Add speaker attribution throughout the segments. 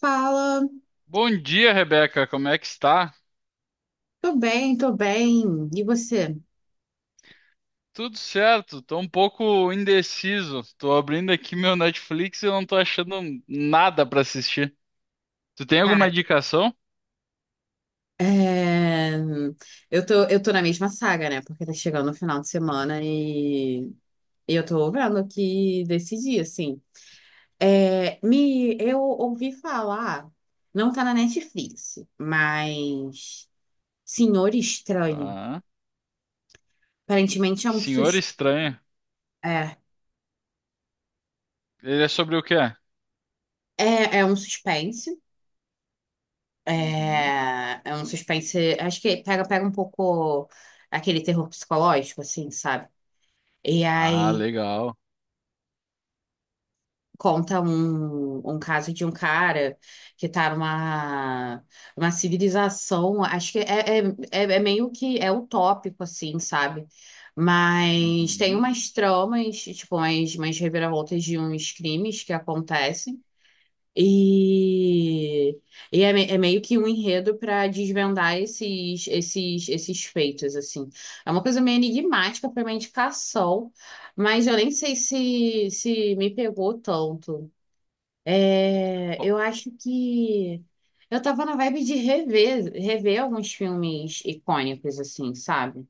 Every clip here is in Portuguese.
Speaker 1: Fala,
Speaker 2: Bom dia, Rebeca. Como é que está?
Speaker 1: tô bem, tô bem. E você?
Speaker 2: Tudo certo. Tô um pouco indeciso. Tô abrindo aqui meu Netflix e eu não tô achando nada para assistir. Tu tem alguma
Speaker 1: Cara,
Speaker 2: indicação?
Speaker 1: é, eu tô na mesma saga, né? Porque tá chegando o final de semana e eu tô vendo aqui decidir, assim. Eu ouvi falar, não tá na Netflix, mas Senhor Estranho.
Speaker 2: Tá.
Speaker 1: Aparentemente é um
Speaker 2: Senhor
Speaker 1: sus...
Speaker 2: Estranho.
Speaker 1: é,
Speaker 2: Ele é sobre o quê?
Speaker 1: é um suspense.
Speaker 2: Uhum.
Speaker 1: É, é um suspense. Acho que pega um pouco aquele terror psicológico, assim, sabe? E
Speaker 2: Ah,
Speaker 1: aí
Speaker 2: legal.
Speaker 1: conta um caso de um cara que tá numa uma civilização, acho que é meio que é utópico, assim, sabe? Mas tem
Speaker 2: Uhum.
Speaker 1: umas tramas, tipo, umas reviravoltas de uns crimes que acontecem. E, é meio que um enredo para desvendar esses feitos, assim. É uma coisa meio enigmática para uma indicação, mas eu nem sei se me pegou tanto. É,
Speaker 2: Ó,
Speaker 1: eu acho que eu tava na vibe de rever alguns filmes icônicos, assim, sabe?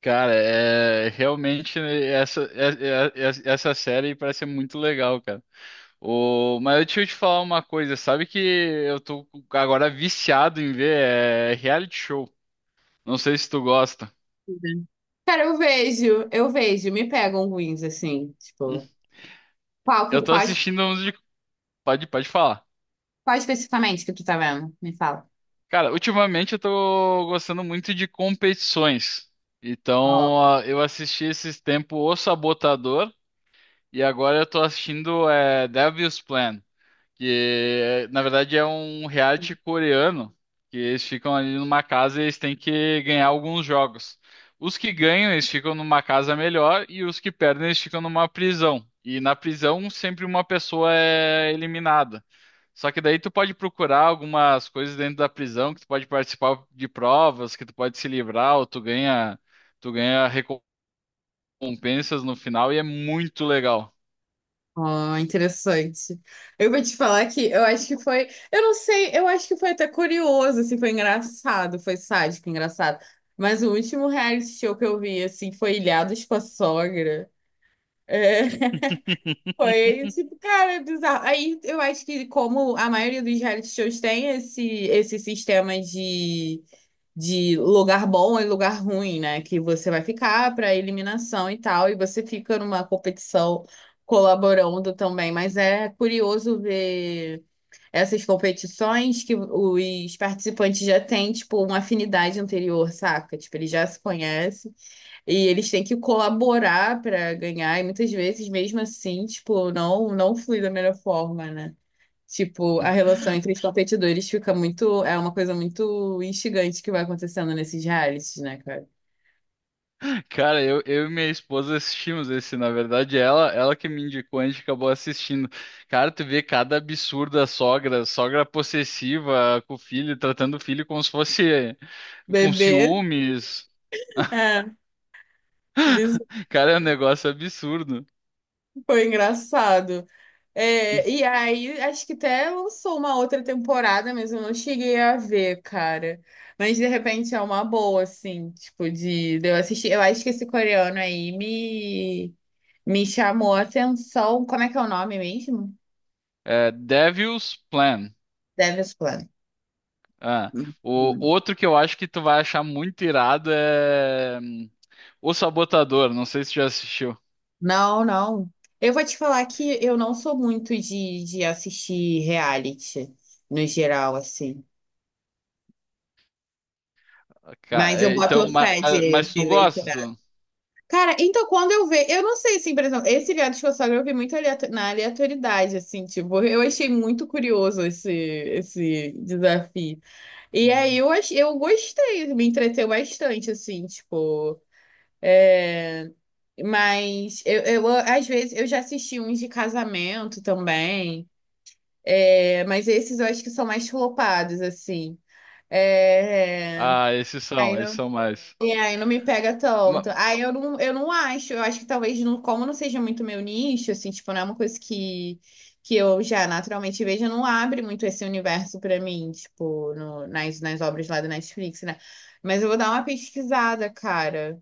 Speaker 2: cara, é realmente né, essa é- é- é- essa série parece ser muito legal, cara. O, mas deixa eu te falar uma coisa, sabe que eu tô agora viciado em ver reality show. Não sei se tu gosta.
Speaker 1: Uhum. Cara, eu vejo, me pegam ruins, assim, tipo,
Speaker 2: Hum.
Speaker 1: qual, que-
Speaker 2: Eu tô
Speaker 1: quais
Speaker 2: assistindo uns de. Pode falar.
Speaker 1: qual especificamente que tu tá vendo? Me fala.
Speaker 2: Cara, ultimamente eu tô gostando muito de competições. Então, ah, eu assisti esses tempos O Sabotador e agora eu tô assistindo Devil's Plan. Que na verdade é um reality coreano, que eles ficam ali numa casa e eles têm que ganhar alguns jogos. Os que ganham, eles ficam numa casa melhor e os que perdem, eles ficam numa prisão. E na prisão sempre uma pessoa é eliminada. Só que daí tu pode procurar algumas coisas dentro da prisão, que tu pode participar de provas, que tu pode se livrar, ou tu ganha recompensas no final e é muito legal.
Speaker 1: Ó, interessante. Eu vou te falar que eu acho que foi, eu não sei, eu acho que foi até curioso, assim, foi engraçado, foi sádico, engraçado. Mas o último reality show que eu vi, assim, foi Ilhados com a Sogra. É, foi, tipo, cara, é bizarro. Aí eu acho que como a maioria dos reality shows tem esse sistema de lugar bom e lugar ruim, né? Que você vai ficar para eliminação e tal, e você fica numa competição colaborando também. Mas é curioso ver essas competições que os participantes já têm, tipo, uma afinidade anterior, saca? Tipo, eles já se conhecem e eles têm que colaborar para ganhar, e muitas vezes, mesmo assim, tipo, não flui da melhor forma, né? Tipo, a relação entre os competidores fica muito. É uma coisa muito instigante que vai acontecendo nesses realities, né, cara?
Speaker 2: Cara, eu e minha esposa assistimos esse, na verdade, ela que me indicou, a gente acabou assistindo. Cara, tu vê cada absurda sogra, sogra possessiva com o filho, tratando o filho como se fosse com
Speaker 1: Bebê.
Speaker 2: ciúmes.
Speaker 1: É, isso
Speaker 2: Cara, é um negócio absurdo.
Speaker 1: foi engraçado. É, e aí, acho que até lançou uma outra temporada, mas eu não cheguei a ver, cara. Mas de repente é uma boa, assim, tipo, de eu assistir. Eu acho que esse coreano aí me chamou a atenção. Como é que é o nome mesmo?
Speaker 2: É, Devil's Plan.
Speaker 1: Devil's Plan.
Speaker 2: Ah, o outro que eu acho que tu vai achar muito irado é O Sabotador. Não sei se tu já assistiu.
Speaker 1: Não, não. Eu vou te falar que eu não sou muito de assistir reality, no geral, assim.
Speaker 2: Ca-
Speaker 1: Mas eu
Speaker 2: é,
Speaker 1: boto
Speaker 2: Então,
Speaker 1: Ah,
Speaker 2: mas,
Speaker 1: fé
Speaker 2: mas tu
Speaker 1: de ver esse
Speaker 2: gosta,
Speaker 1: reality.
Speaker 2: tu?
Speaker 1: Cara, então quando eu vejo, eu não sei, assim, por exemplo, esse reality que eu vi muito aleato- na aleatoriedade, assim, tipo, eu achei muito curioso esse desafio. E aí eu gostei, me entreteu bastante, assim, tipo. é, Mas às vezes, eu já assisti uns de casamento também. É, mas esses eu acho que são mais flopados, assim. É,
Speaker 2: Ah, esses
Speaker 1: aí
Speaker 2: são, esses
Speaker 1: não,
Speaker 2: são mais.
Speaker 1: E aí não me pega
Speaker 2: Ma-
Speaker 1: tanto. Aí eu não, Eu não acho, eu acho que talvez, não, como não seja muito meu nicho, assim, tipo, não é uma coisa que eu já naturalmente vejo, não abre muito esse universo pra mim, tipo, nas obras lá do Netflix, né? Mas eu vou dar uma pesquisada, cara.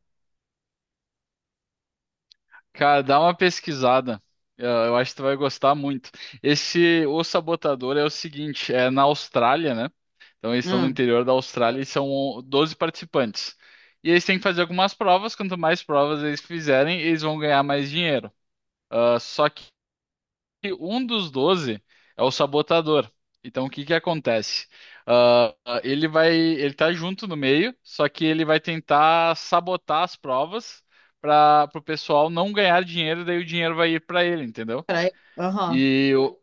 Speaker 2: Cara, dá uma pesquisada. Eu acho que tu vai gostar muito. Esse O Sabotador é o seguinte, é na Austrália, né? Então eles estão no
Speaker 1: Hum,
Speaker 2: interior da Austrália e são 12 participantes. E eles têm que fazer algumas provas, quanto mais provas eles fizerem, eles vão ganhar mais dinheiro. Ah, só que um dos 12 é o sabotador. Então, o que que acontece? Ele tá junto no meio, só que ele vai tentar sabotar as provas para o pessoal não ganhar dinheiro, daí o dinheiro vai ir para ele, entendeu?
Speaker 1: peraí. Aham.
Speaker 2: E o,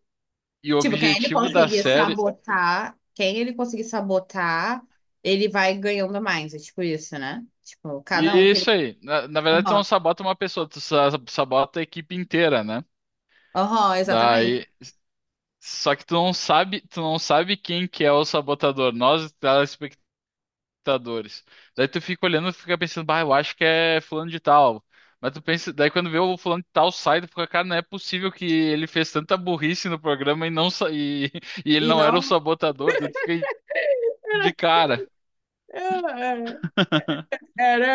Speaker 2: e o
Speaker 1: Tipo,
Speaker 2: objetivo da série.
Speaker 1: quem ele conseguir sabotar, ele vai ganhando mais. É tipo isso, né? Tipo,
Speaker 2: E
Speaker 1: cada um
Speaker 2: é
Speaker 1: que
Speaker 2: isso
Speaker 1: ele.
Speaker 2: aí. Na verdade, tu não
Speaker 1: Aham,
Speaker 2: sabota uma pessoa, tu sa- sabota a equipe inteira, né?
Speaker 1: aham, exatamente.
Speaker 2: Daí. Só que tu não sabe quem que é o sabotador. Nós, computadores. Daí tu fica olhando e fica pensando, bah, eu acho que é fulano de tal. Mas tu pensa, daí quando vê o fulano de tal sai, tu fica, cara, não é possível que ele fez tanta burrice no programa e não sa- e, e ele
Speaker 1: E
Speaker 2: não era o
Speaker 1: não.
Speaker 2: sabotador. Daí tu fica de cara.
Speaker 1: é, é, Era,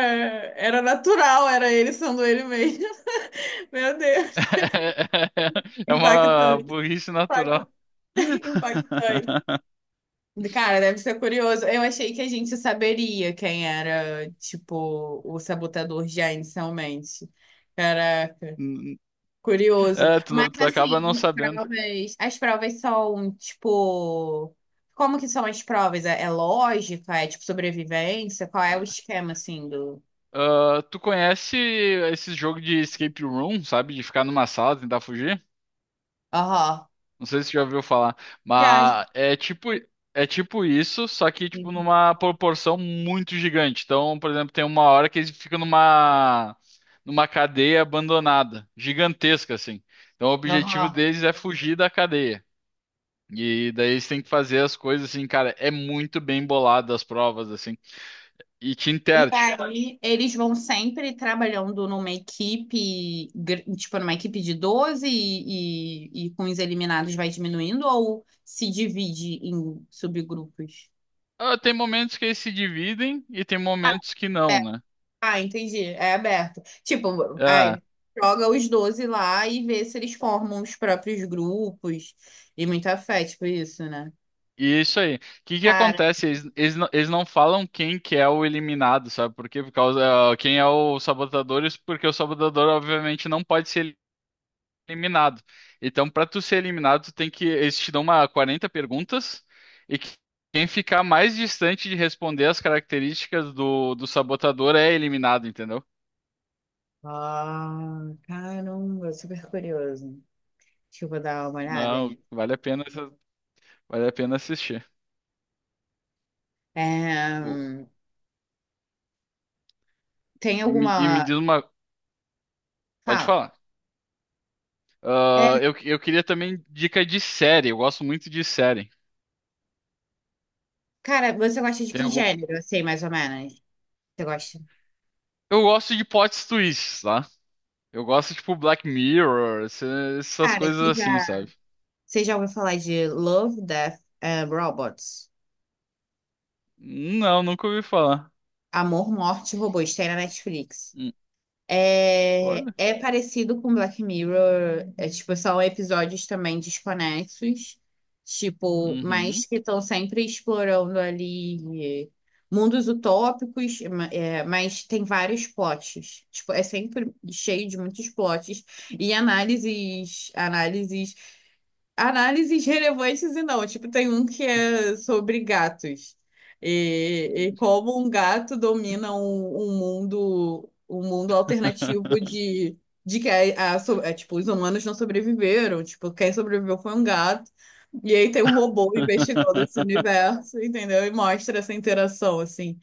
Speaker 1: era natural, era ele sendo ele mesmo. Meu Deus.
Speaker 2: É uma
Speaker 1: Impactante,
Speaker 2: burrice natural.
Speaker 1: impactante, impactante. Cara, deve ser curioso. Eu achei que a gente saberia quem era, tipo, o sabotador já inicialmente. Cara, curioso. Mas
Speaker 2: Tu
Speaker 1: assim,
Speaker 2: acaba não sabendo.
Speaker 1: as provas são tipo, como que são as provas? É, é lógica? É tipo sobrevivência? Qual é o esquema assim do?
Speaker 2: Ah, tu conhece esse jogo de escape room, sabe? De ficar numa sala, e tentar fugir?
Speaker 1: Aham.
Speaker 2: Não sei se você já ouviu falar,
Speaker 1: Já,
Speaker 2: mas
Speaker 1: já.
Speaker 2: é tipo isso, só que tipo numa proporção muito gigante. Então, por exemplo, tem uma hora que eles ficam numa cadeia abandonada, gigantesca assim. Então, o objetivo
Speaker 1: Aham.
Speaker 2: deles é fugir da cadeia. E daí eles têm que fazer as coisas assim, cara, é muito bem bolado as provas assim. E te
Speaker 1: E
Speaker 2: enterte.
Speaker 1: aí eles vão sempre trabalhando numa equipe, tipo numa equipe de 12 e com os eliminados vai diminuindo ou se divide em subgrupos?
Speaker 2: Ah, tem momentos que eles se dividem e tem momentos que não, né?
Speaker 1: Ah, entendi. É aberto. Tipo,
Speaker 2: É.
Speaker 1: aí joga os 12 lá e vê se eles formam os próprios grupos e muita fé, tipo isso, né?
Speaker 2: E isso aí. O que que
Speaker 1: Cara,
Speaker 2: acontece? Eles não falam quem que é o eliminado, sabe? Por quê? Por causa, ah, quem é o sabotador, isso porque o sabotador, obviamente, não pode ser eliminado. Então, para tu ser eliminado, tu tem que. Eles te dão uma 40 perguntas e que- quem ficar mais distante de responder as características do sabotador é eliminado, entendeu?
Speaker 1: ah, caramba, super curioso. Deixa eu vou dar uma olhada, né?
Speaker 2: Não, vale a pena assistir.
Speaker 1: É,
Speaker 2: O-
Speaker 1: tem
Speaker 2: e me
Speaker 1: alguma.
Speaker 2: diz uma. Pode
Speaker 1: Fala.
Speaker 2: falar.
Speaker 1: É,
Speaker 2: Ah, eu queria também dica de série. Eu gosto muito de série.
Speaker 1: cara, você gosta de
Speaker 2: Tem
Speaker 1: que
Speaker 2: algum...
Speaker 1: gênero, assim, mais ou menos? Você gosta?
Speaker 2: Eu gosto de plot twists, tá? Eu gosto, tipo, Black Mirror, essas
Speaker 1: Cara,
Speaker 2: coisas
Speaker 1: você
Speaker 2: assim,
Speaker 1: já,
Speaker 2: sabe?
Speaker 1: Você já ouviu falar de Love, Death and Robots?
Speaker 2: Não, nunca ouvi falar.
Speaker 1: Amor, Morte e Robôs, tem na Netflix.
Speaker 2: Hum,
Speaker 1: É,
Speaker 2: Olha.
Speaker 1: é parecido com Black Mirror, é tipo, são episódios também desconexos, tipo,
Speaker 2: Uhum.
Speaker 1: mas que estão sempre explorando ali mundos utópicos, é, mas tem vários plots. Tipo, é sempre cheio de muitos plots e análises relevantes e não. Tipo, tem um que é sobre gatos e como um gato domina um mundo alternativo de que é, tipo, os humanos não sobreviveram. Tipo, quem sobreviveu foi um gato. E aí tem um robô investigando esse universo, entendeu? E mostra essa interação, assim.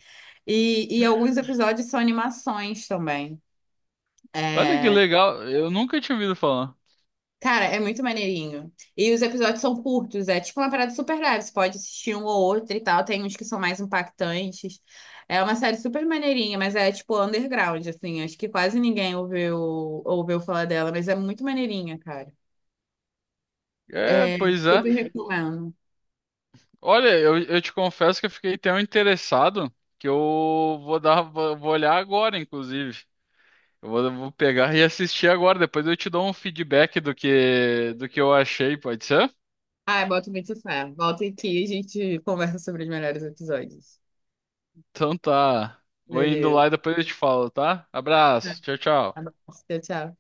Speaker 1: E alguns episódios são animações também.
Speaker 2: Olha que
Speaker 1: É,
Speaker 2: legal. Eu nunca tinha ouvido falar.
Speaker 1: cara, é muito maneirinho. E os episódios são curtos, é tipo uma parada super leve. Você pode assistir um ou outro e tal. Tem uns que são mais impactantes. É uma série super maneirinha, mas é tipo underground, assim. Acho que quase ninguém ouviu falar dela, mas é muito maneirinha, cara.
Speaker 2: É,
Speaker 1: É,
Speaker 2: pois é.
Speaker 1: super recomendo.
Speaker 2: Olha, eu te confesso que eu fiquei tão interessado que eu vou dar, vou vou olhar agora, inclusive. Vou pegar e assistir agora. Depois eu te dou um feedback do que eu achei, pode ser?
Speaker 1: Ah, bota muito fé. Volta aqui e a gente conversa sobre os melhores episódios.
Speaker 2: Então tá. Vou indo
Speaker 1: Beleza.
Speaker 2: lá e depois eu te falo, tá? Abraço. Tchau,
Speaker 1: Tá
Speaker 2: tchau.
Speaker 1: bom. Tchau, tchau.